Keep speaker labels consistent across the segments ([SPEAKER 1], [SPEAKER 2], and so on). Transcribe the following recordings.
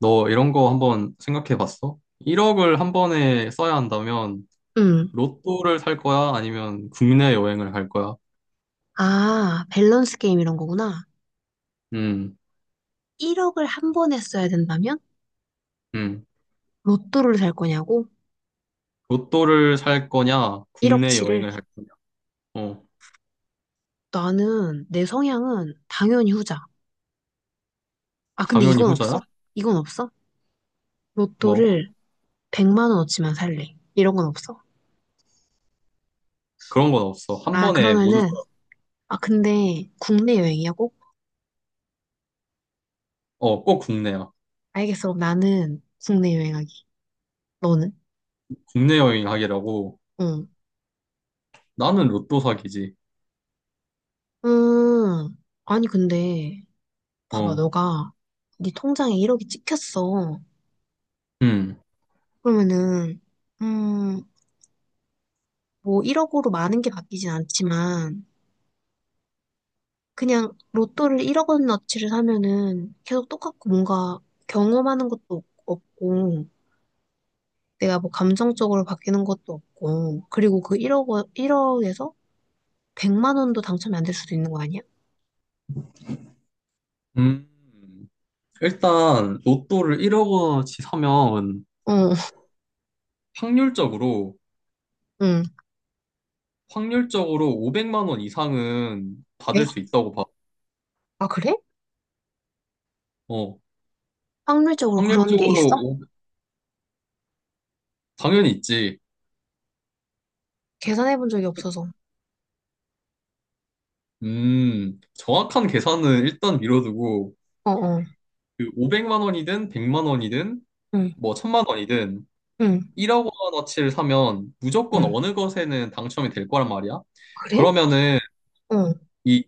[SPEAKER 1] 너 이런 거 한번 생각해 봤어? 1억을 한 번에 써야 한다면
[SPEAKER 2] 응.
[SPEAKER 1] 로또를 살 거야? 아니면 국내 여행을 갈 거야?
[SPEAKER 2] 아, 밸런스 게임 이런 거구나.
[SPEAKER 1] 음,
[SPEAKER 2] 1억을 한 번에 써야 된다면?
[SPEAKER 1] 음.
[SPEAKER 2] 로또를 살 거냐고?
[SPEAKER 1] 로또를 살 거냐? 국내
[SPEAKER 2] 1억치를?
[SPEAKER 1] 여행을 할 거냐? 어,
[SPEAKER 2] 나는, 내 성향은 당연히 후자. 아, 근데
[SPEAKER 1] 당연히
[SPEAKER 2] 이건
[SPEAKER 1] 후자야?
[SPEAKER 2] 없어? 이건 없어?
[SPEAKER 1] 뭐,
[SPEAKER 2] 로또를 100만 원어치만 살래. 이런 건 없어?
[SPEAKER 1] 그런 건 없어. 한
[SPEAKER 2] 아,
[SPEAKER 1] 번에 모두,
[SPEAKER 2] 그러면은,
[SPEAKER 1] 써야-
[SPEAKER 2] 아, 근데 국내 여행이야, 꼭?
[SPEAKER 1] 어, 꼭 국내야.
[SPEAKER 2] 알겠어. 그럼 나는 국내 여행하기. 너는?
[SPEAKER 1] 국내 여행 하기라고.
[SPEAKER 2] 응.
[SPEAKER 1] 나는 로또 사기지.
[SPEAKER 2] 음, 아니, 근데, 봐봐,
[SPEAKER 1] 어,
[SPEAKER 2] 너가 네 통장에 1억이 찍혔어.
[SPEAKER 1] 음,
[SPEAKER 2] 그러면은, 음, 뭐 1억으로 많은 게 바뀌진 않지만 그냥 로또를 1억 원어치를 사면은 계속 똑같고 뭔가 경험하는 것도 없고 내가 뭐 감정적으로 바뀌는 것도 없고 그리고 그 1억 원 1억에서 100만 원도 당첨이 안 될 수도 있는 거 아니야?
[SPEAKER 1] 음. 일단, 로또를 1억어치 사면
[SPEAKER 2] 어,
[SPEAKER 1] 확률적으로
[SPEAKER 2] 응.
[SPEAKER 1] 확률적으로 500만 원 이상은
[SPEAKER 2] 왜?
[SPEAKER 1] 받을 수 있다고 봐.
[SPEAKER 2] 아, 그래?
[SPEAKER 1] 어,
[SPEAKER 2] 확률적으로 그런 게
[SPEAKER 1] 확률적으로
[SPEAKER 2] 있어?
[SPEAKER 1] 당연히 있지.
[SPEAKER 2] 계산해 본 적이 없어서.
[SPEAKER 1] 정확한 계산은 일단 미뤄두고
[SPEAKER 2] 어, 어.
[SPEAKER 1] 그 500만 원이든 100만 원이든
[SPEAKER 2] 응.
[SPEAKER 1] 뭐 1000만 원이든
[SPEAKER 2] 응.
[SPEAKER 1] 1억 원어치를 사면 무조건
[SPEAKER 2] 응.
[SPEAKER 1] 어느 것에는 당첨이 될 거란 말이야.
[SPEAKER 2] 그래?
[SPEAKER 1] 그러면은
[SPEAKER 2] 어.
[SPEAKER 1] 이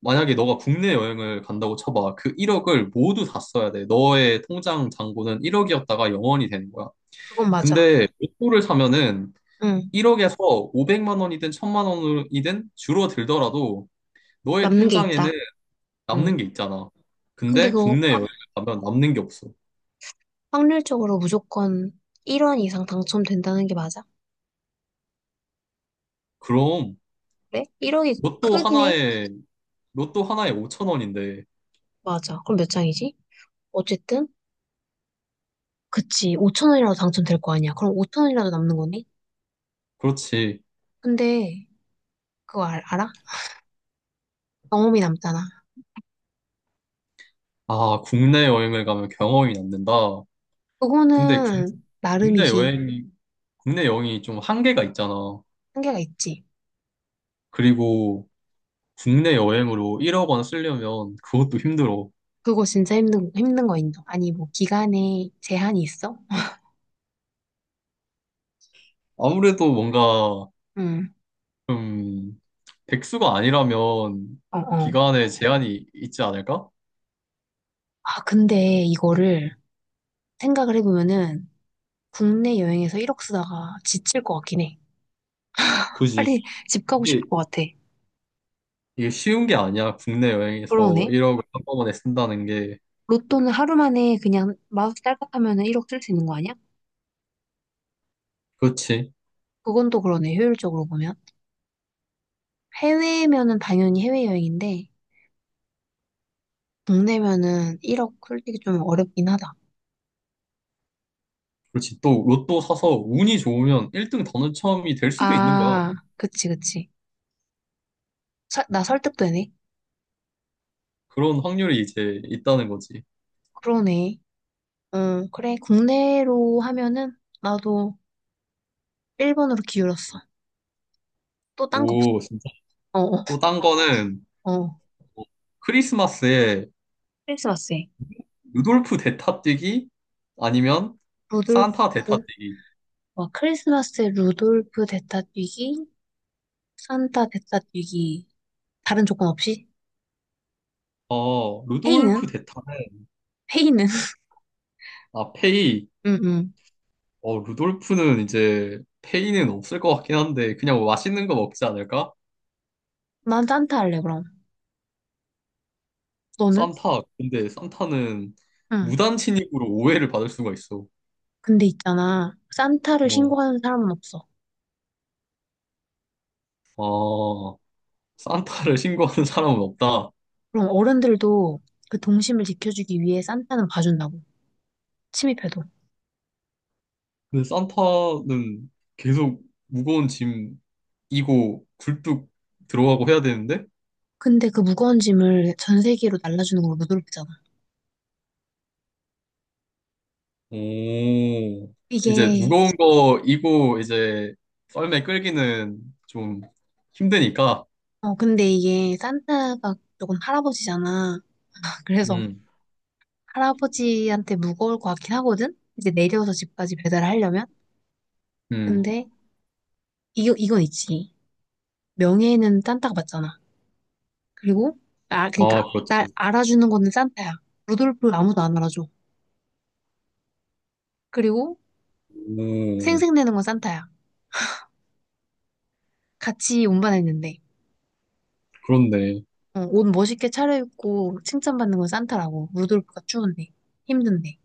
[SPEAKER 1] 만약에 너가 국내 여행을 간다고 쳐봐. 그 1억을 모두 다 써야 돼. 너의 통장 잔고는 1억이었다가 0원이 되는 거야.
[SPEAKER 2] 그건 맞아.
[SPEAKER 1] 근데 로또를 사면은
[SPEAKER 2] 응.
[SPEAKER 1] 1억에서 500만 원이든 1000만 원이든 줄어들더라도 너의
[SPEAKER 2] 남는 게
[SPEAKER 1] 통장에는
[SPEAKER 2] 있다. 응.
[SPEAKER 1] 남는 게 있잖아.
[SPEAKER 2] 근데
[SPEAKER 1] 근데
[SPEAKER 2] 그거
[SPEAKER 1] 국내 여행을 가면 남는 게 없어.
[SPEAKER 2] 확률적으로 무조건 1원 이상 당첨된다는 게 맞아?
[SPEAKER 1] 그럼
[SPEAKER 2] 그래? 1억이
[SPEAKER 1] 로또
[SPEAKER 2] 크긴 해?
[SPEAKER 1] 하나에 로또 하나에 5천 원인데
[SPEAKER 2] 맞아. 그럼 몇 장이지? 어쨌든, 그치. 5천 원이라도 당첨될 거 아니야. 그럼 5천 원이라도 남는 거네?
[SPEAKER 1] 그렇지.
[SPEAKER 2] 근데, 그거 알아? 경험이 남잖아.
[SPEAKER 1] 아, 국내 여행을 가면 경험이 남는다. 근데
[SPEAKER 2] 그거는,
[SPEAKER 1] 국내
[SPEAKER 2] 나름이지.
[SPEAKER 1] 여행이 국내 여행이 좀 한계가 있잖아.
[SPEAKER 2] 한계가 있지.
[SPEAKER 1] 그리고 국내 여행으로 1억 원 쓰려면 그것도 힘들어.
[SPEAKER 2] 그거 진짜 힘든 거 인정. 아니, 뭐, 기간에 제한이 있어?
[SPEAKER 1] 아무래도 뭔가
[SPEAKER 2] 응,
[SPEAKER 1] 음, 백수가 아니라면
[SPEAKER 2] 어, 어.
[SPEAKER 1] 기간에 제한이 있지 않을까?
[SPEAKER 2] 아, 근데 이거를 생각을 해보면은, 국내 여행에서 1억 쓰다가 지칠 것 같긴 해.
[SPEAKER 1] 그지.
[SPEAKER 2] 빨리 집 가고 싶을
[SPEAKER 1] 이게,
[SPEAKER 2] 것 같아.
[SPEAKER 1] 이게 쉬운 게 아니야. 국내 여행에서
[SPEAKER 2] 그러네.
[SPEAKER 1] 1억을 한꺼번에 쓴다는 게.
[SPEAKER 2] 로또는 하루 만에 그냥 마우스 딸깍하면은 1억 쓸 수 있는 거 아니야?
[SPEAKER 1] 그렇지.
[SPEAKER 2] 그건 또 그러네, 효율적으로 보면. 해외면은 당연히 해외여행인데, 국내면은 1억 솔직히 좀 어렵긴 하다.
[SPEAKER 1] 그렇지. 또 로또 사서 운이 좋으면 1등 당첨이 될 수도 있는 거야.
[SPEAKER 2] 아, 그치, 그치. 나 설득되네.
[SPEAKER 1] 그런 확률이 이제 있다는 거지.
[SPEAKER 2] 그러네. 응, 그래. 국내로 하면은 나도 1번으로 기울었어. 또 딴 거 없어.
[SPEAKER 1] 오, 진짜.
[SPEAKER 2] 어,
[SPEAKER 1] 또 딴 거는
[SPEAKER 2] 어, 어.
[SPEAKER 1] 뭐 크리스마스에
[SPEAKER 2] 크리스마스에.
[SPEAKER 1] 루돌프 대타 뛰기 아니면
[SPEAKER 2] 루돌프,
[SPEAKER 1] 산타 대타 뛰기.
[SPEAKER 2] 와, 크리스마스에 루돌프 대타 뛰기, 산타 대타 뛰기. 다른 조건 없이?
[SPEAKER 1] 어, 루돌프
[SPEAKER 2] 회의는?
[SPEAKER 1] 대타는
[SPEAKER 2] 회의는?
[SPEAKER 1] 아, 페이
[SPEAKER 2] 응, 응.
[SPEAKER 1] 어, 루돌프는 이제 페이는 없을 것 같긴 한데 그냥 뭐 맛있는 거 먹지 않을까?
[SPEAKER 2] 난 산타 할래, 그럼. 너는?
[SPEAKER 1] 산타. 근데 산타는
[SPEAKER 2] 응.
[SPEAKER 1] 무단 침입으로 오해를 받을 수가 있어.
[SPEAKER 2] 근데 있잖아. 산타를
[SPEAKER 1] 어.
[SPEAKER 2] 신고하는 사람은 없어.
[SPEAKER 1] 아, 산타를 신고하는 사람은 없다.
[SPEAKER 2] 그럼 어른들도 그 동심을 지켜주기 위해 산타는 봐준다고. 침입해도.
[SPEAKER 1] 근데 산타는 계속 무거운 짐 이고 굴뚝 들어가고 해야 되는데?
[SPEAKER 2] 근데 그 무거운 짐을 전 세계로 날라주는 걸로 무드롭잖아.
[SPEAKER 1] 오. 이제
[SPEAKER 2] 이게,
[SPEAKER 1] 무거운 거 이고 이제 썰매 끌기는 좀 힘드니까.
[SPEAKER 2] 근데 이게 산타가 조금 할아버지잖아. 그래서
[SPEAKER 1] 음.
[SPEAKER 2] 할아버지한테 무거울 것 같긴 하거든? 이제 내려서 집까지 배달을 하려면?
[SPEAKER 1] 음.
[SPEAKER 2] 근데, 이건 있지. 명예는 산타가 받잖아. 그리고 아 그러니까
[SPEAKER 1] 아,
[SPEAKER 2] 날
[SPEAKER 1] 그렇지.
[SPEAKER 2] 알아주는 거는 산타야. 루돌프 아무도 안 알아줘. 그리고
[SPEAKER 1] 음,
[SPEAKER 2] 생색내는 건 산타야. 같이 운반했는데
[SPEAKER 1] 그렇네.
[SPEAKER 2] 옷 멋있게 차려입고 칭찬받는 건 산타라고. 루돌프가 추운데 힘든데.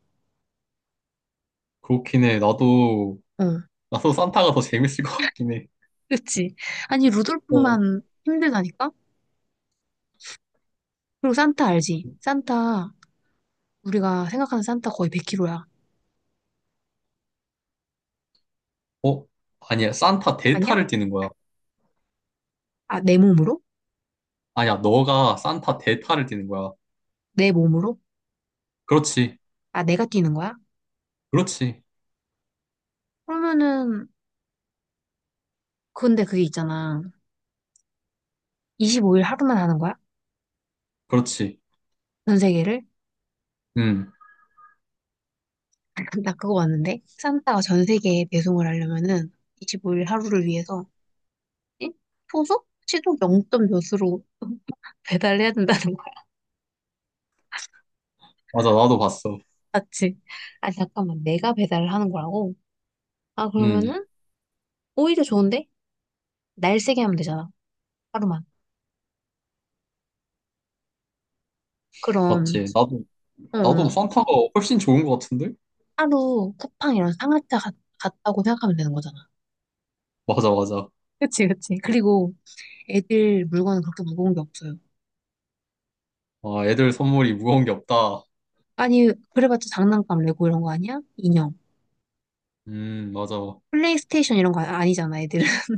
[SPEAKER 1] 그렇긴 해. 나도,
[SPEAKER 2] 어,
[SPEAKER 1] 나도 산타가 더 재밌을 것 같긴 해.
[SPEAKER 2] 그치? 아니
[SPEAKER 1] 어,
[SPEAKER 2] 루돌프만 힘들다니까? 그리고 산타 알지? 산타 우리가 생각하는 산타 거의 100kg야.
[SPEAKER 1] 어? 아니야. 산타
[SPEAKER 2] 아니야?
[SPEAKER 1] 대타를 뛰는 거야.
[SPEAKER 2] 아 내 몸으로?
[SPEAKER 1] 아니야. 너가 산타 대타를 뛰는 거야.
[SPEAKER 2] 내 몸으로?
[SPEAKER 1] 그렇지.
[SPEAKER 2] 아 내가 뛰는 거야?
[SPEAKER 1] 그렇지.
[SPEAKER 2] 그러면은 근데 그게 있잖아. 25일 하루만 하는 거야?
[SPEAKER 1] 그렇지.
[SPEAKER 2] 전 세계를?
[SPEAKER 1] 음,
[SPEAKER 2] 아, 나 그거 봤는데 산타가 전 세계에 배송을 하려면은 25일 하루를 위해서 응? 초속? 시속 0점 몇으로 배달해야 된다는 거야.
[SPEAKER 1] 맞아. 나도 봤어.
[SPEAKER 2] 맞지? 아니 잠깐만 내가 배달을 하는 거라고? 아
[SPEAKER 1] 음,
[SPEAKER 2] 그러면은 오히려 좋은데? 날 세게 하면 되잖아. 하루만. 그럼
[SPEAKER 1] 맞지. 나도,
[SPEAKER 2] 어,
[SPEAKER 1] 나도
[SPEAKER 2] 어.
[SPEAKER 1] 산타가 훨씬 좋은 것 같은데?
[SPEAKER 2] 하루 쿠팡이랑 상하차 같다고 생각하면 되는 거잖아.
[SPEAKER 1] 맞아, 맞아.
[SPEAKER 2] 그치 그치. 그리고 애들 물건은 그렇게 무거운 게 없어요.
[SPEAKER 1] 아, 애들 선물이 무거운 게 없다.
[SPEAKER 2] 아니 그래봤자 장난감 레고 이런 거 아니야? 인형.
[SPEAKER 1] 맞아. 뭐
[SPEAKER 2] 플레이스테이션 이런 거 아니잖아 애들은.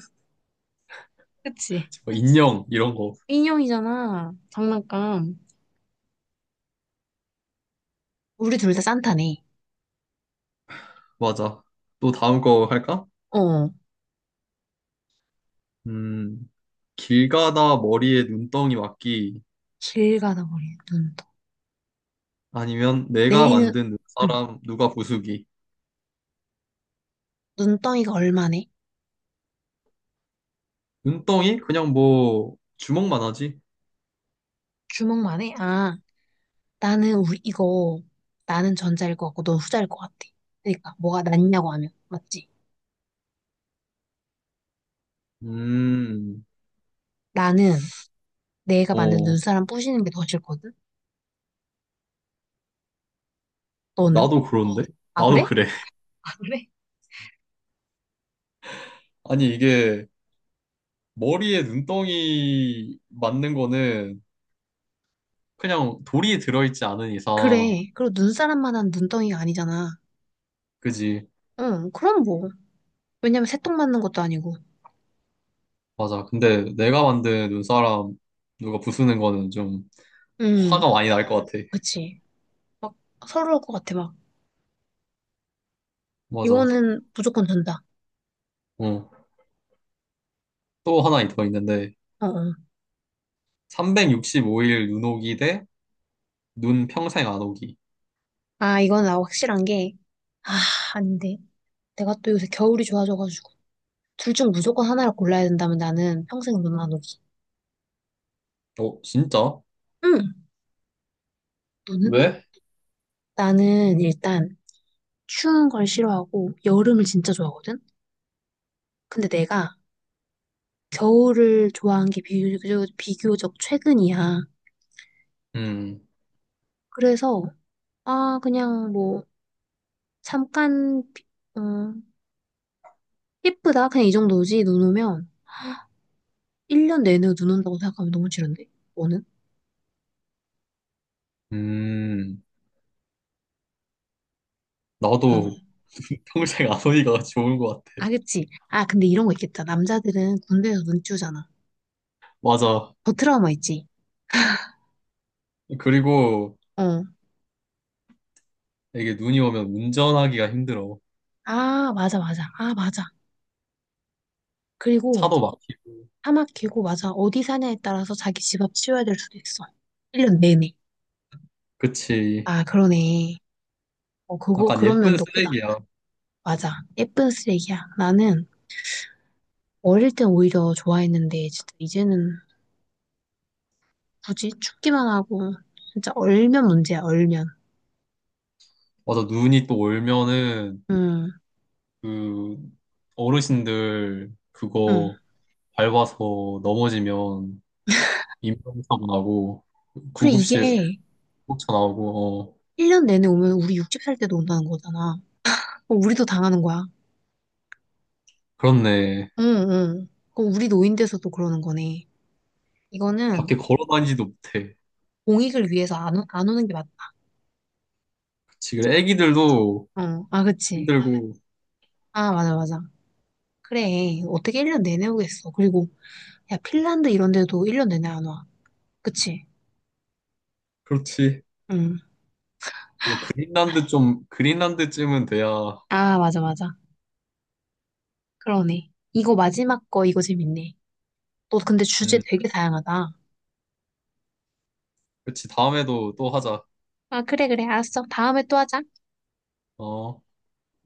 [SPEAKER 2] 그치?
[SPEAKER 1] 인형, 이런 거.
[SPEAKER 2] 인형이잖아. 장난감. 우리 둘 다 산타네.
[SPEAKER 1] 맞아. 또 다음 거 할까?
[SPEAKER 2] 어.
[SPEAKER 1] 음. 길 가다 머리에 눈덩이 맞기
[SPEAKER 2] 길 가다 보니 눈덩
[SPEAKER 1] 아니면 내가
[SPEAKER 2] 내리는,
[SPEAKER 1] 만든
[SPEAKER 2] 응.
[SPEAKER 1] 눈사람 누가 부수기.
[SPEAKER 2] 눈덩이가 얼마네?
[SPEAKER 1] 눈덩이 그냥 뭐 주먹만 하지.
[SPEAKER 2] 주먹만 해? 아, 나는 우리 이거, 나는 전자일 것 같고 넌 후자일 것 같아. 그러니까 뭐가 낫냐고 하면, 맞지?
[SPEAKER 1] 음.
[SPEAKER 2] 나는 내가 만든
[SPEAKER 1] 어.
[SPEAKER 2] 눈사람 부시는 게 더 싫거든? 너는?
[SPEAKER 1] 나도 그런데.
[SPEAKER 2] 아,
[SPEAKER 1] 나도
[SPEAKER 2] 그래?
[SPEAKER 1] 그래.
[SPEAKER 2] 아, 그래?
[SPEAKER 1] 아니 이게 머리에 눈덩이 맞는 거는 그냥 돌이 들어있지 않은 이상.
[SPEAKER 2] 그래. 그리고 눈사람만한 눈덩이가 아니잖아.
[SPEAKER 1] 그지.
[SPEAKER 2] 응, 그럼 뭐. 왜냐면 새똥 맞는 것도 아니고.
[SPEAKER 1] 맞아. 근데 내가 만든 눈사람 누가 부수는 거는 좀
[SPEAKER 2] 응,
[SPEAKER 1] 화가 많이 날 것 같아.
[SPEAKER 2] 그치. 막 서러울 것 같아, 막.
[SPEAKER 1] 맞아.
[SPEAKER 2] 이거는 무조건 된다.
[SPEAKER 1] 어또 하나 더 있는데
[SPEAKER 2] 어, 어.
[SPEAKER 1] 365일 눈 오기 대 눈 평생 안 오기.
[SPEAKER 2] 아, 이건 나 확실한 게, 아, 아닌데. 내가 또 요새 겨울이 좋아져가지고. 둘 중 무조건 하나를 골라야 된다면 나는 평생 눈 안 오기.
[SPEAKER 1] 어, 진짜?
[SPEAKER 2] 응, 너는?
[SPEAKER 1] 왜?
[SPEAKER 2] 나는 일단 추운 걸 싫어하고 여름을 진짜 좋아하거든? 근데 내가 겨울을 좋아한 게 비교적 최근이야.
[SPEAKER 1] 음,
[SPEAKER 2] 그래서, 아, 그냥 뭐, 잠깐, 어, 예쁘다. 그냥 이 정도지. 눈 오면. 1년 내내 눈 온다고 생각하면 너무 싫은데? 너는?
[SPEAKER 1] 음, 나도 평생 안 오기가 좋은 것
[SPEAKER 2] 아,
[SPEAKER 1] 같아.
[SPEAKER 2] 그치. 아, 근데 이런 거 있겠다. 남자들은 군대에서 눈 띄우잖아.
[SPEAKER 1] 맞아.
[SPEAKER 2] 더 트라우마 있지.
[SPEAKER 1] 그리고
[SPEAKER 2] 어.
[SPEAKER 1] 이게 눈이 오면 운전하기가 힘들어.
[SPEAKER 2] 아, 맞아, 맞아. 아, 맞아. 그리고
[SPEAKER 1] 차도 막히고.
[SPEAKER 2] 사막 길고, 맞아. 어디 사냐에 따라서 자기 집 앞 치워야 될 수도 있어. 1년 내내.
[SPEAKER 1] 그치.
[SPEAKER 2] 아, 그러네.
[SPEAKER 1] 약간
[SPEAKER 2] 그런
[SPEAKER 1] 예쁜
[SPEAKER 2] 면도 크다.
[SPEAKER 1] 쓰레기야.
[SPEAKER 2] 맞아. 예쁜 쓰레기야. 나는 어릴 땐 오히려 좋아했는데, 진짜 이제는 굳이 춥기만 하고, 진짜 얼면 문제야, 얼면.
[SPEAKER 1] 맞아. 눈이 또 올면은
[SPEAKER 2] 응,
[SPEAKER 1] 그 어르신들
[SPEAKER 2] 응.
[SPEAKER 1] 그거 밟아서 넘어지면 인명사고 나고
[SPEAKER 2] 그래,
[SPEAKER 1] 구급실
[SPEAKER 2] 이게
[SPEAKER 1] 쫓아나오고, 어.
[SPEAKER 2] 1년 내내 오면 우리 60살 때도 온다는 거잖아. 어, 우리도 당하는 거야.
[SPEAKER 1] 그렇네.
[SPEAKER 2] 응, 응. 그럼 우리 노인돼서도 그러는 거네. 이거는
[SPEAKER 1] 밖에 걸어다니지도 못해.
[SPEAKER 2] 공익을 위해서 안 오는 게 맞다.
[SPEAKER 1] 그치. 그래, 애기들도
[SPEAKER 2] 어, 아, 그치.
[SPEAKER 1] 힘들고.
[SPEAKER 2] 아, 맞아, 맞아. 그래. 어떻게 1년 내내 오겠어. 그리고, 야, 핀란드 이런 데도 1년 내내 안 와. 그치?
[SPEAKER 1] 그렇지.
[SPEAKER 2] 응.
[SPEAKER 1] 뭐, 그린란드쯤은 돼야.
[SPEAKER 2] 아, 맞아, 맞아. 그러네. 이거 마지막 거, 이거 재밌네. 너 근데 주제
[SPEAKER 1] 음,
[SPEAKER 2] 되게 다양하다.
[SPEAKER 1] 그렇지. 다음에도 또 하자.
[SPEAKER 2] 아, 그래, 그래. 알았어. 다음에 또 하자.
[SPEAKER 1] 어.